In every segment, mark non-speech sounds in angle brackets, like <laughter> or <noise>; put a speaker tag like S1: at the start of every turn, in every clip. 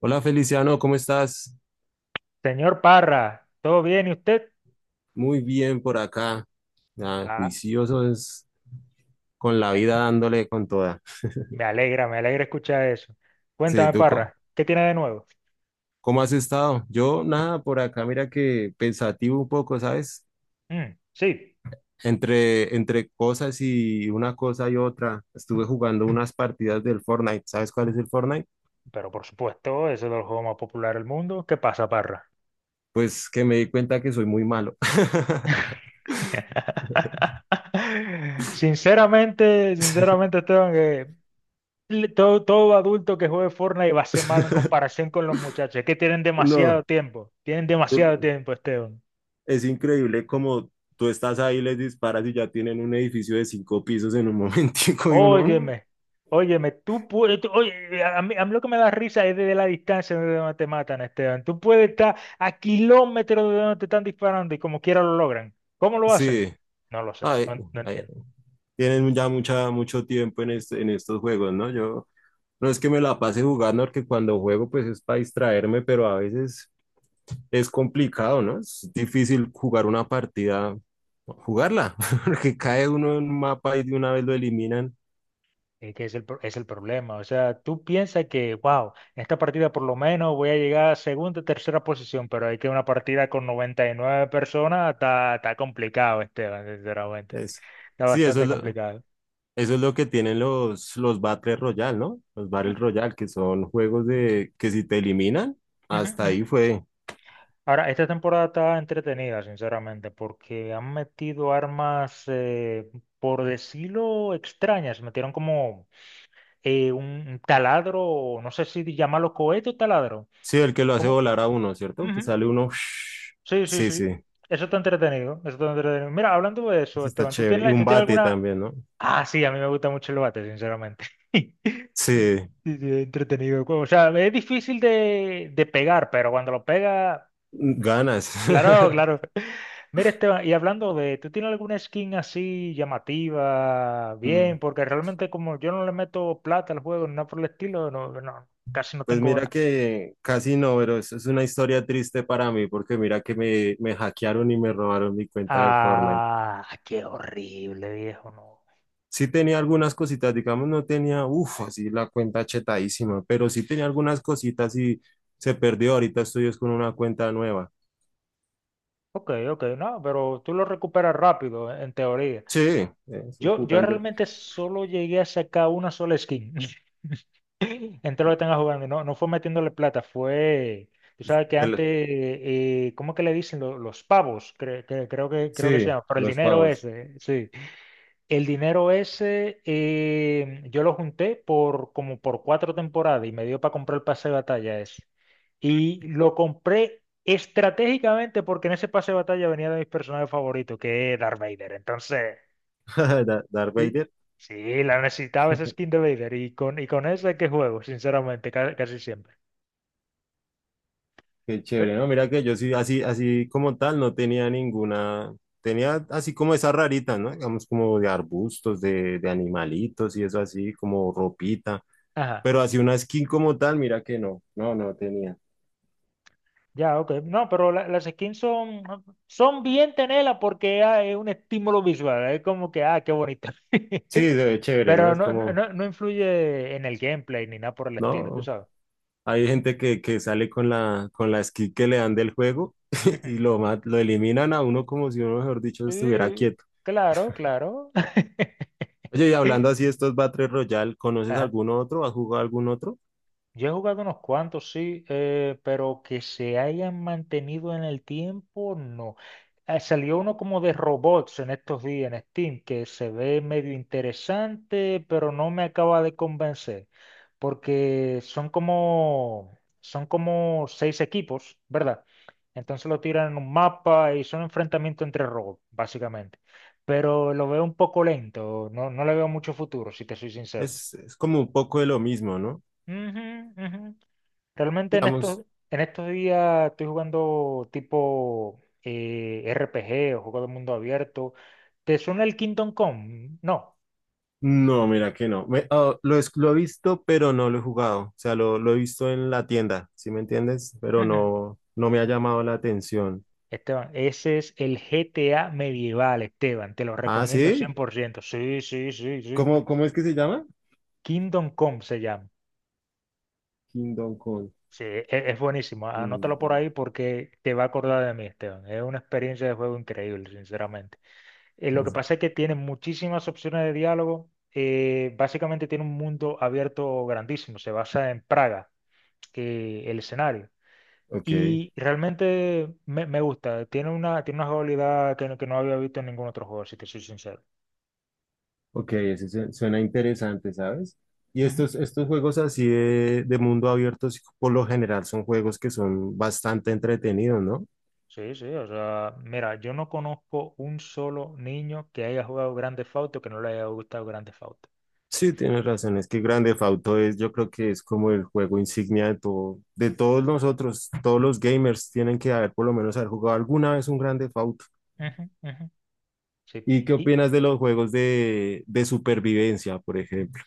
S1: Hola Feliciano, ¿cómo estás?
S2: Señor Parra, ¿todo bien y usted?
S1: Muy bien por acá. Ah,
S2: Ah,
S1: juicioso es con la vida dándole con toda.
S2: me alegra escuchar eso.
S1: Sí,
S2: Cuéntame, Parra, ¿qué tiene de nuevo?
S1: cómo has estado? Yo nada, por acá mira que pensativo un poco, ¿sabes?
S2: Mm, sí,
S1: Entre cosas y una cosa y otra. Estuve jugando <laughs> unas partidas del Fortnite. ¿Sabes cuál es el Fortnite?
S2: pero por supuesto, eso es el juego más popular del mundo. ¿Qué pasa, Parra?
S1: Pues que me di cuenta que soy muy malo.
S2: <laughs> Sinceramente, sinceramente, Esteban, que todo adulto que juegue Fortnite va a ser malo en
S1: <laughs>
S2: comparación con los muchachos, que tienen
S1: No.
S2: demasiado tiempo. Tienen demasiado tiempo, Esteban.
S1: Es increíble como tú estás ahí, les disparas y ya tienen un edificio de cinco pisos en un <laughs> momentico y uno,
S2: Óyeme, óyeme, oye, a mí lo que me da risa es desde la distancia de donde te matan, Esteban. Tú puedes estar a kilómetros de donde te están disparando y como quiera lo logran. ¿Cómo lo hacen?
S1: sí,
S2: No lo sé,
S1: ay,
S2: no, no
S1: ay,
S2: entiendo.
S1: tienen ya mucho tiempo en, en estos juegos, ¿no? Yo no es que me la pase jugando, porque cuando juego pues es para distraerme, pero a veces es complicado, ¿no? Es difícil jugar una partida, jugarla, <laughs> porque cae uno en un mapa y de una vez lo eliminan.
S2: Es que es el problema. O sea, tú piensas que, wow, en esta partida por lo menos voy a llegar a segunda, tercera posición, pero hay que una partida con 99 personas está complicado, Esteban, sinceramente.
S1: Es,
S2: Está
S1: sí, eso es
S2: bastante
S1: lo...
S2: complicado.
S1: Eso es lo que tienen los Battle Royale, ¿no? Los Battle
S2: Ujú,
S1: Royale, que son juegos de que si te eliminan,
S2: ujú,
S1: hasta
S2: ujú.
S1: ahí fue.
S2: Ahora, esta temporada está entretenida, sinceramente, porque han metido armas, por decirlo, extrañas. Metieron como un taladro, o no sé si llamarlo cohete o taladro.
S1: Sí, el que lo hace
S2: ¿Cómo?
S1: volar a uno, ¿cierto? Que
S2: Ujú.
S1: sale uno. <laughs>
S2: Sí, sí,
S1: Sí, sí.
S2: sí. Eso está entretenido. Eso está entretenido. Mira, hablando de eso,
S1: Eso está
S2: Esteban, ¿tú
S1: chévere.
S2: tienes,
S1: Y
S2: la-
S1: un
S2: tú tienes
S1: bate
S2: alguna...
S1: también, ¿no?
S2: Ah, sí, a mí me gusta mucho el bate, sinceramente. <laughs>
S1: Sí,
S2: Sí, sí, entretenido. O sea, es difícil de pegar, pero cuando lo pega,
S1: ganas.
S2: claro,
S1: <laughs>
S2: claro. Mira, Esteban, y hablando de, ¿tú tienes alguna skin así llamativa?
S1: Mm,
S2: Bien, porque realmente como yo no le meto plata al juego, ni nada por el estilo, no, no, casi no
S1: Pues
S2: tengo
S1: mira
S2: nada.
S1: que casi no, pero eso es una historia triste para mí, porque mira que me hackearon y me robaron mi cuenta de Fortnite.
S2: Ah, qué horrible, viejo, no.
S1: Sí tenía algunas cositas, digamos, no tenía, uff, así la cuenta chetadísima, pero sí tenía algunas cositas y se perdió. Ahorita estoy es con una cuenta nueva.
S2: Ok, ok, no, pero tú lo recuperas rápido, en teoría.
S1: Sí, estoy
S2: Yo
S1: jugando.
S2: realmente solo llegué a sacar una sola skin, <laughs> entre lo que tenga jugando, y no, no fue metiéndole plata, fue... Tú sabes que
S1: del-
S2: antes, ¿cómo que le dicen? Los, pavos, creo que se
S1: sí,
S2: llama, por el
S1: los
S2: dinero
S1: pavos.
S2: ese, sí. El dinero ese yo lo junté por como por 4 temporadas y me dio para comprar el pase de batalla ese. Y lo compré estratégicamente porque en ese pase de batalla venía de mis personajes favoritos, que es Darth Vader. Entonces,
S1: <laughs> Darth
S2: l-
S1: Vader,
S2: sí, la necesitaba esa skin de Vader y con esa es que juego, sinceramente, casi, siempre.
S1: qué
S2: Eh,
S1: chévere, ¿no? Mira que yo sí, así como tal, no tenía ninguna. Tenía así como esas raritas, ¿no? Digamos, como de arbustos, de animalitos y eso así, como ropita.
S2: Ajá.
S1: Pero así una skin como tal, mira que no, no tenía.
S2: Ya, ok. No, pero las skins son bien tenerlas porque ah, es un estímulo visual. Es como que, ah, qué bonito.
S1: Sí,
S2: <laughs>
S1: se ve chévere, ¿no?
S2: Pero
S1: Es
S2: no, no
S1: como.
S2: no influye en el gameplay ni nada por el estilo, tú
S1: No,
S2: sabes.
S1: hay gente que sale con la skin que le dan del juego <laughs>
S2: Ujú.
S1: y
S2: <laughs>
S1: lo, lo eliminan a uno como si uno, mejor dicho, estuviera
S2: Sí,
S1: quieto.
S2: claro, claro. <laughs>
S1: Oye, y hablando así de estos Battle Royale, ¿conoces
S2: Ajá.
S1: algún otro? ¿Has jugado algún otro?
S2: Yo he jugado unos cuantos, sí, pero que se hayan mantenido en el tiempo, no. Salió uno como de robots en estos días en Steam, que se ve medio interesante, pero no me acaba de convencer, porque son como seis equipos, ¿verdad? Entonces lo tiran en un mapa y son enfrentamientos entre robots, básicamente. Pero lo veo un poco lento, no, no le veo mucho futuro, si te soy sincero.
S1: Es como un poco de lo mismo, ¿no?
S2: Ujú, ujú. Realmente en
S1: Digamos,
S2: estos días estoy jugando tipo RPG o juego de mundo abierto. ¿Te suena el Kingdom Come? No.
S1: no, mira que no. Lo, lo he visto, pero no lo he jugado. O sea, lo he visto en la tienda, ¿sí me entiendes? Pero
S2: Ujú.
S1: no, no me ha llamado la atención.
S2: Esteban, ese es el GTA medieval, Esteban. Te lo
S1: Ah,
S2: recomiendo cien
S1: ¿sí?
S2: por ciento Sí, sí, sí, sí.
S1: ¿Cómo es que se llama?
S2: Kingdom Come se llama.
S1: Kingdom Come.
S2: Sí, es buenísimo. Anótalo por
S1: Kingdom.
S2: ahí porque te va a acordar de mí, Esteban. Es una experiencia de juego increíble, sinceramente. Lo que pasa es que tiene muchísimas opciones de diálogo. Básicamente tiene un mundo abierto grandísimo. Se basa en Praga, que el escenario.
S1: Ok.
S2: Y realmente me gusta. Tiene una jugabilidad que, que no había visto en ningún otro juego, si te soy sincero.
S1: Ok, suena interesante, ¿sabes? Y
S2: Ujú.
S1: estos juegos así de mundo abierto, sí, por lo general, son juegos que son bastante entretenidos, ¿no?
S2: Sí, sí. O sea, mira, yo no conozco un solo niño que haya jugado Grand Theft Auto que no le haya gustado Grand Theft Auto.
S1: Sí, tienes razón, es que Grand Theft Auto es, yo creo que es como el juego insignia de todo, de todos nosotros, todos los gamers tienen que haber por lo menos haber jugado alguna vez un Grand Theft Auto.
S2: Ujú, ujú. Sí.
S1: ¿Y qué opinas de los juegos de supervivencia, por ejemplo?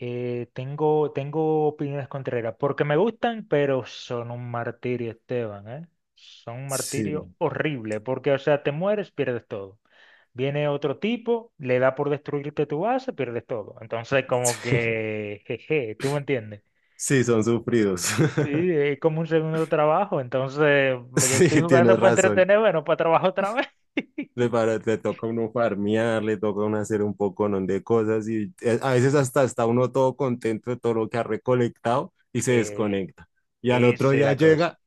S2: Tengo opiniones contrarias, porque me gustan, pero son un martirio, Esteban, ¿eh? Son un
S1: Sí,
S2: martirio horrible, porque, o sea, te mueres, pierdes todo. Viene otro tipo, le da por destruirte tu base, pierdes todo. Entonces, como
S1: <laughs>
S2: que, jeje, ¿tú me entiendes?
S1: sí, son sufridos.
S2: Sí,
S1: <laughs>
S2: es como un segundo trabajo, entonces yo estoy
S1: Sí,
S2: jugando
S1: tienes
S2: para
S1: razón.
S2: entretenerme, no para trabajar otra vez. <laughs>
S1: Le toca a uno farmear, le toca a uno hacer un poco de cosas y a veces hasta está uno todo contento de todo lo que ha recolectado y se
S2: Eh,
S1: desconecta. Y al otro
S2: esa es
S1: día
S2: la cosa.
S1: llega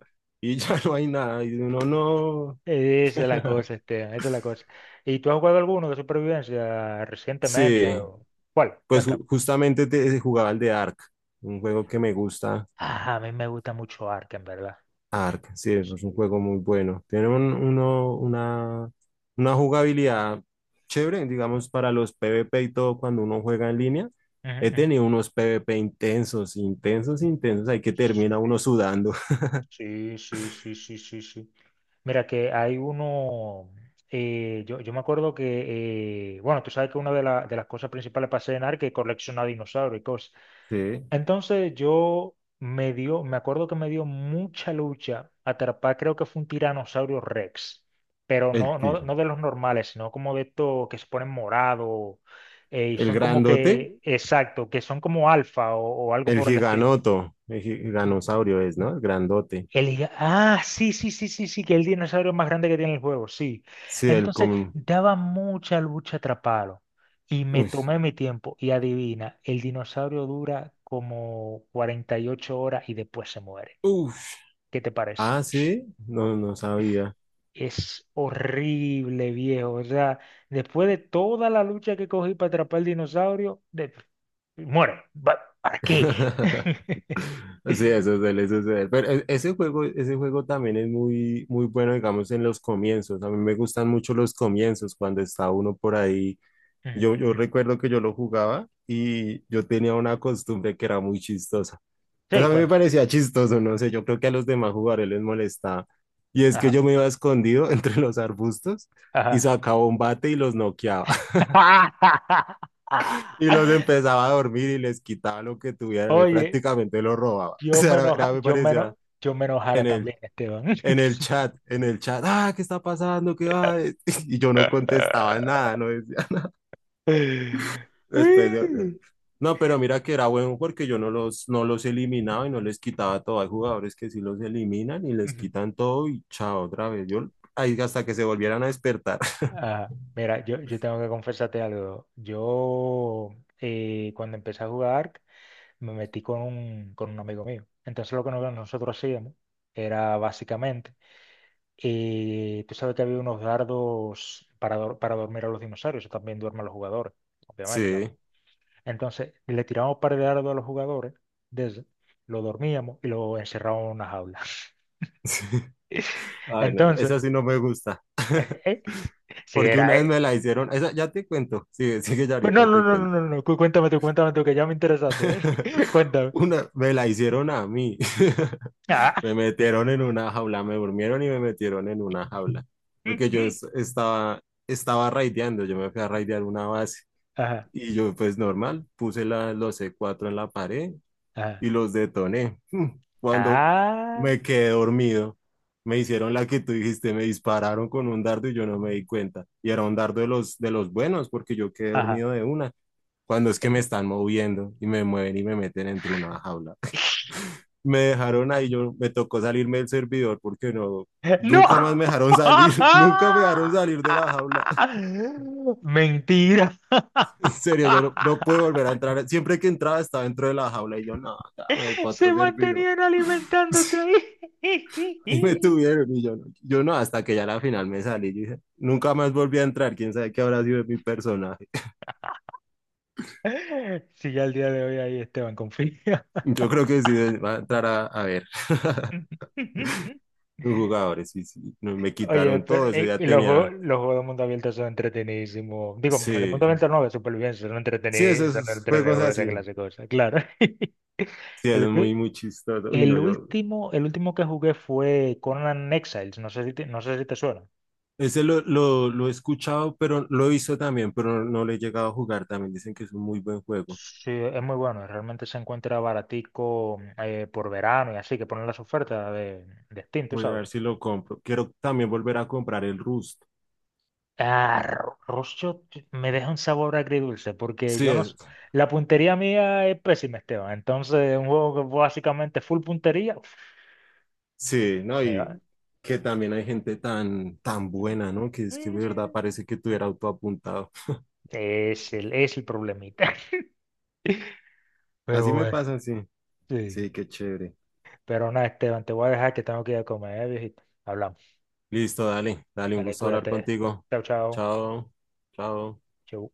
S1: y <laughs> ya no hay nada y uno no...
S2: Esa es la cosa, Esteban, esa es la cosa. ¿Y tú has jugado alguno de supervivencia recientemente
S1: Sí,
S2: o cuál?
S1: pues
S2: Cuenta.
S1: justamente jugaba el de Ark, un juego que me gusta.
S2: Ah, a mí me gusta mucho Ark, verdad.
S1: Ark, sí, es un
S2: Sí.
S1: juego muy bueno. Tiene una jugabilidad chévere, digamos, para los PvP y todo cuando uno juega en línea.
S2: Ujú,
S1: He
S2: ujú.
S1: tenido unos PvP intensos, ahí que termina uno sudando. <laughs>
S2: Sí, sí, sí, sí, sí, sí, sí. Mira que hay uno, yo me acuerdo que, bueno, tú sabes que una de las cosas principales para hacer en Ark es coleccionar dinosaurios y cosas.
S1: Sí,
S2: Entonces me acuerdo que me dio mucha lucha atrapar, creo que fue un tiranosaurio Rex, pero
S1: el
S2: no, no,
S1: tir-
S2: no de los normales, sino como de estos que se ponen morado y
S1: el
S2: son como
S1: grandote,
S2: que, exacto, que son como alfa o algo
S1: el
S2: por el estilo.
S1: giganoto, giganosaurio es, ¿no? El grandote.
S2: Ah, sí, sí, sí, sí, sí, que el dinosaurio más grande que tiene el juego, sí.
S1: Sí, el
S2: Entonces,
S1: común.
S2: daba mucha lucha atraparlo. Y me
S1: Uf,
S2: tomé mi tiempo. Y adivina, el dinosaurio dura como 48 horas y después se muere.
S1: uf.
S2: ¿Qué te parece?
S1: Ah, sí, no, no sabía.
S2: Es horrible, viejo. O sea, después de toda la lucha que cogí para atrapar el dinosaurio, muere. ¿Para qué?
S1: <laughs>
S2: <laughs>
S1: Sí, eso es él, eso. Pero ese juego también es muy, muy bueno, digamos, en los comienzos. A mí me gustan mucho los comienzos, cuando está uno por ahí.
S2: Ujú,
S1: Yo
S2: ujú.
S1: recuerdo que yo lo jugaba y yo tenía una costumbre que era muy chistosa. Pues a
S2: Sí,
S1: mí me
S2: cuenta.
S1: parecía chistoso, no sé, yo creo que a los demás jugadores les molestaba. Y es que
S2: Ajá,
S1: yo me iba escondido <laughs> entre los arbustos y
S2: ajá.
S1: sacaba un bate y los noqueaba. <laughs>
S2: <laughs>
S1: Y los empezaba a dormir y les quitaba lo que tuvieran,
S2: Oye,
S1: prácticamente los robaba. <laughs> O sea, me parecía
S2: yo me enojara
S1: genial.
S2: también, Esteban.
S1: En el chat,
S2: <laughs>
S1: en el chat, ah, ¿qué está pasando? ¿Qué va? <laughs> Y yo no contestaba nada, no decía, <laughs> después de- no, pero mira que era bueno porque yo no los eliminaba y no les quitaba todo. Hay jugadores que sí los eliminan y les
S2: Ujú.
S1: quitan todo y chao, otra vez. Yo ahí hasta que se volvieran a despertar. <laughs>
S2: Ah, mira, yo tengo que confesarte algo. Cuando empecé a jugar, me metí con un amigo mío. Entonces, lo que nosotros hacíamos era básicamente, tú sabes que había unos dardos para dormir a los dinosaurios, eso también duermen los jugadores, obviamente.
S1: Sí,
S2: Entonces, le tirábamos un par de dardos a los jugadores, de eso, lo dormíamos y lo encerrábamos en una jaula.
S1: <laughs> sí.
S2: <laughs>
S1: Ay, no,
S2: Entonces,
S1: esa sí no me gusta.
S2: eh,
S1: <laughs>
S2: eh, si
S1: Porque una
S2: era
S1: vez me
S2: él.
S1: la hicieron, esa ya te cuento, sigue, sigue, ya
S2: Pues no,
S1: ahorita
S2: no,
S1: te
S2: no, no,
S1: cuento.
S2: no, no, cuéntame tú, que ya me interesaste,
S1: <laughs>
S2: ¿eh? <laughs> Cuéntame.
S1: Una, me la hicieron a mí. <laughs>
S2: Ah,
S1: Me metieron en una jaula, me durmieron y me metieron en una jaula.
S2: mm,
S1: Porque yo
S2: mm.
S1: estaba raideando, yo me fui a raidear una base.
S2: Ajá,
S1: Y yo, pues normal, puse los C4 en la pared
S2: ajá.
S1: y los detoné. Mm, Cuando
S2: Ah,
S1: me quedé dormido, me hicieron la que tú dijiste, me dispararon con un dardo y yo no me di cuenta. Y era un dardo de de los buenos, porque yo quedé
S2: ajá.
S1: dormido de una. Cuando es que me
S2: Ahí.
S1: están moviendo y me mueven y me meten entre una jaula, me dejaron ahí, yo me tocó salirme del servidor porque no,
S2: ¡No!
S1: nunca más me dejaron salir, <laughs> nunca me dejaron salir de la jaula. <laughs>
S2: <laughs> Mentira.
S1: En serio, yo no, no pude volver a
S2: <laughs>
S1: entrar. Siempre que entraba estaba dentro de la jaula y yo, no, ya me voy para
S2: Se
S1: otro servidor.
S2: mantenían alimentándote
S1: <laughs> Ahí me
S2: ahí. <laughs>
S1: tuvieron y yo, yo no, hasta que ya a la final me salí. Yo dije, nunca más volví a entrar, quién sabe qué habrá sido de mi personaje.
S2: Si ya el día de hoy ahí Esteban confía.
S1: Yo creo que sí va a entrar a ver. <laughs>
S2: <laughs>
S1: Los jugadores, sí, sí, no, me
S2: Oye,
S1: quitaron
S2: pero
S1: todo, ese día
S2: y los juegos,
S1: tenía,
S2: los juegos de mundo abierto son entretenidísimos. Digo, de
S1: sí,
S2: mundo abierto no, de supervivencia,
S1: sí,
S2: son
S1: esos juegos
S2: entretenidos esa
S1: así.
S2: clase de cosas, claro. <laughs>
S1: Sí, es
S2: El, ulti-
S1: muy, muy chistoso. Uy,
S2: el
S1: no, yo.
S2: último, el último que jugué fue Conan Exiles, no sé si te suena.
S1: Ese lo he escuchado, pero lo he visto también, pero no lo he llegado a jugar. También dicen que es un muy buen juego.
S2: Sí, es muy bueno, realmente se encuentra baratico por verano y así, que ponen las ofertas de Steam, tú
S1: Voy a
S2: sabes.
S1: ver si lo compro. Quiero también volver a comprar el Rust.
S2: Ah, me deja un sabor agridulce porque
S1: Sí,
S2: yo no...
S1: es,
S2: s- La puntería mía es pésima, Esteban. Entonces, un juego que básicamente full puntería, uf,
S1: sí, ¿no?
S2: me
S1: Y
S2: va.
S1: que también hay gente tan buena, ¿no? Que es que de verdad
S2: Ujú.
S1: parece que tuviera autoapuntado.
S2: Es el problemita. <laughs> Pero
S1: Así me
S2: bueno,
S1: pasa, sí.
S2: sí.
S1: Sí, qué chévere.
S2: Pero nada, Esteban, te voy a dejar que tengo que ir a comer, ¿eh, viejito? Hablamos.
S1: Listo, dale, dale, un
S2: Dale,
S1: gusto hablar
S2: cuídate.
S1: contigo.
S2: Chao, chao.
S1: Chao, chao.
S2: Chau.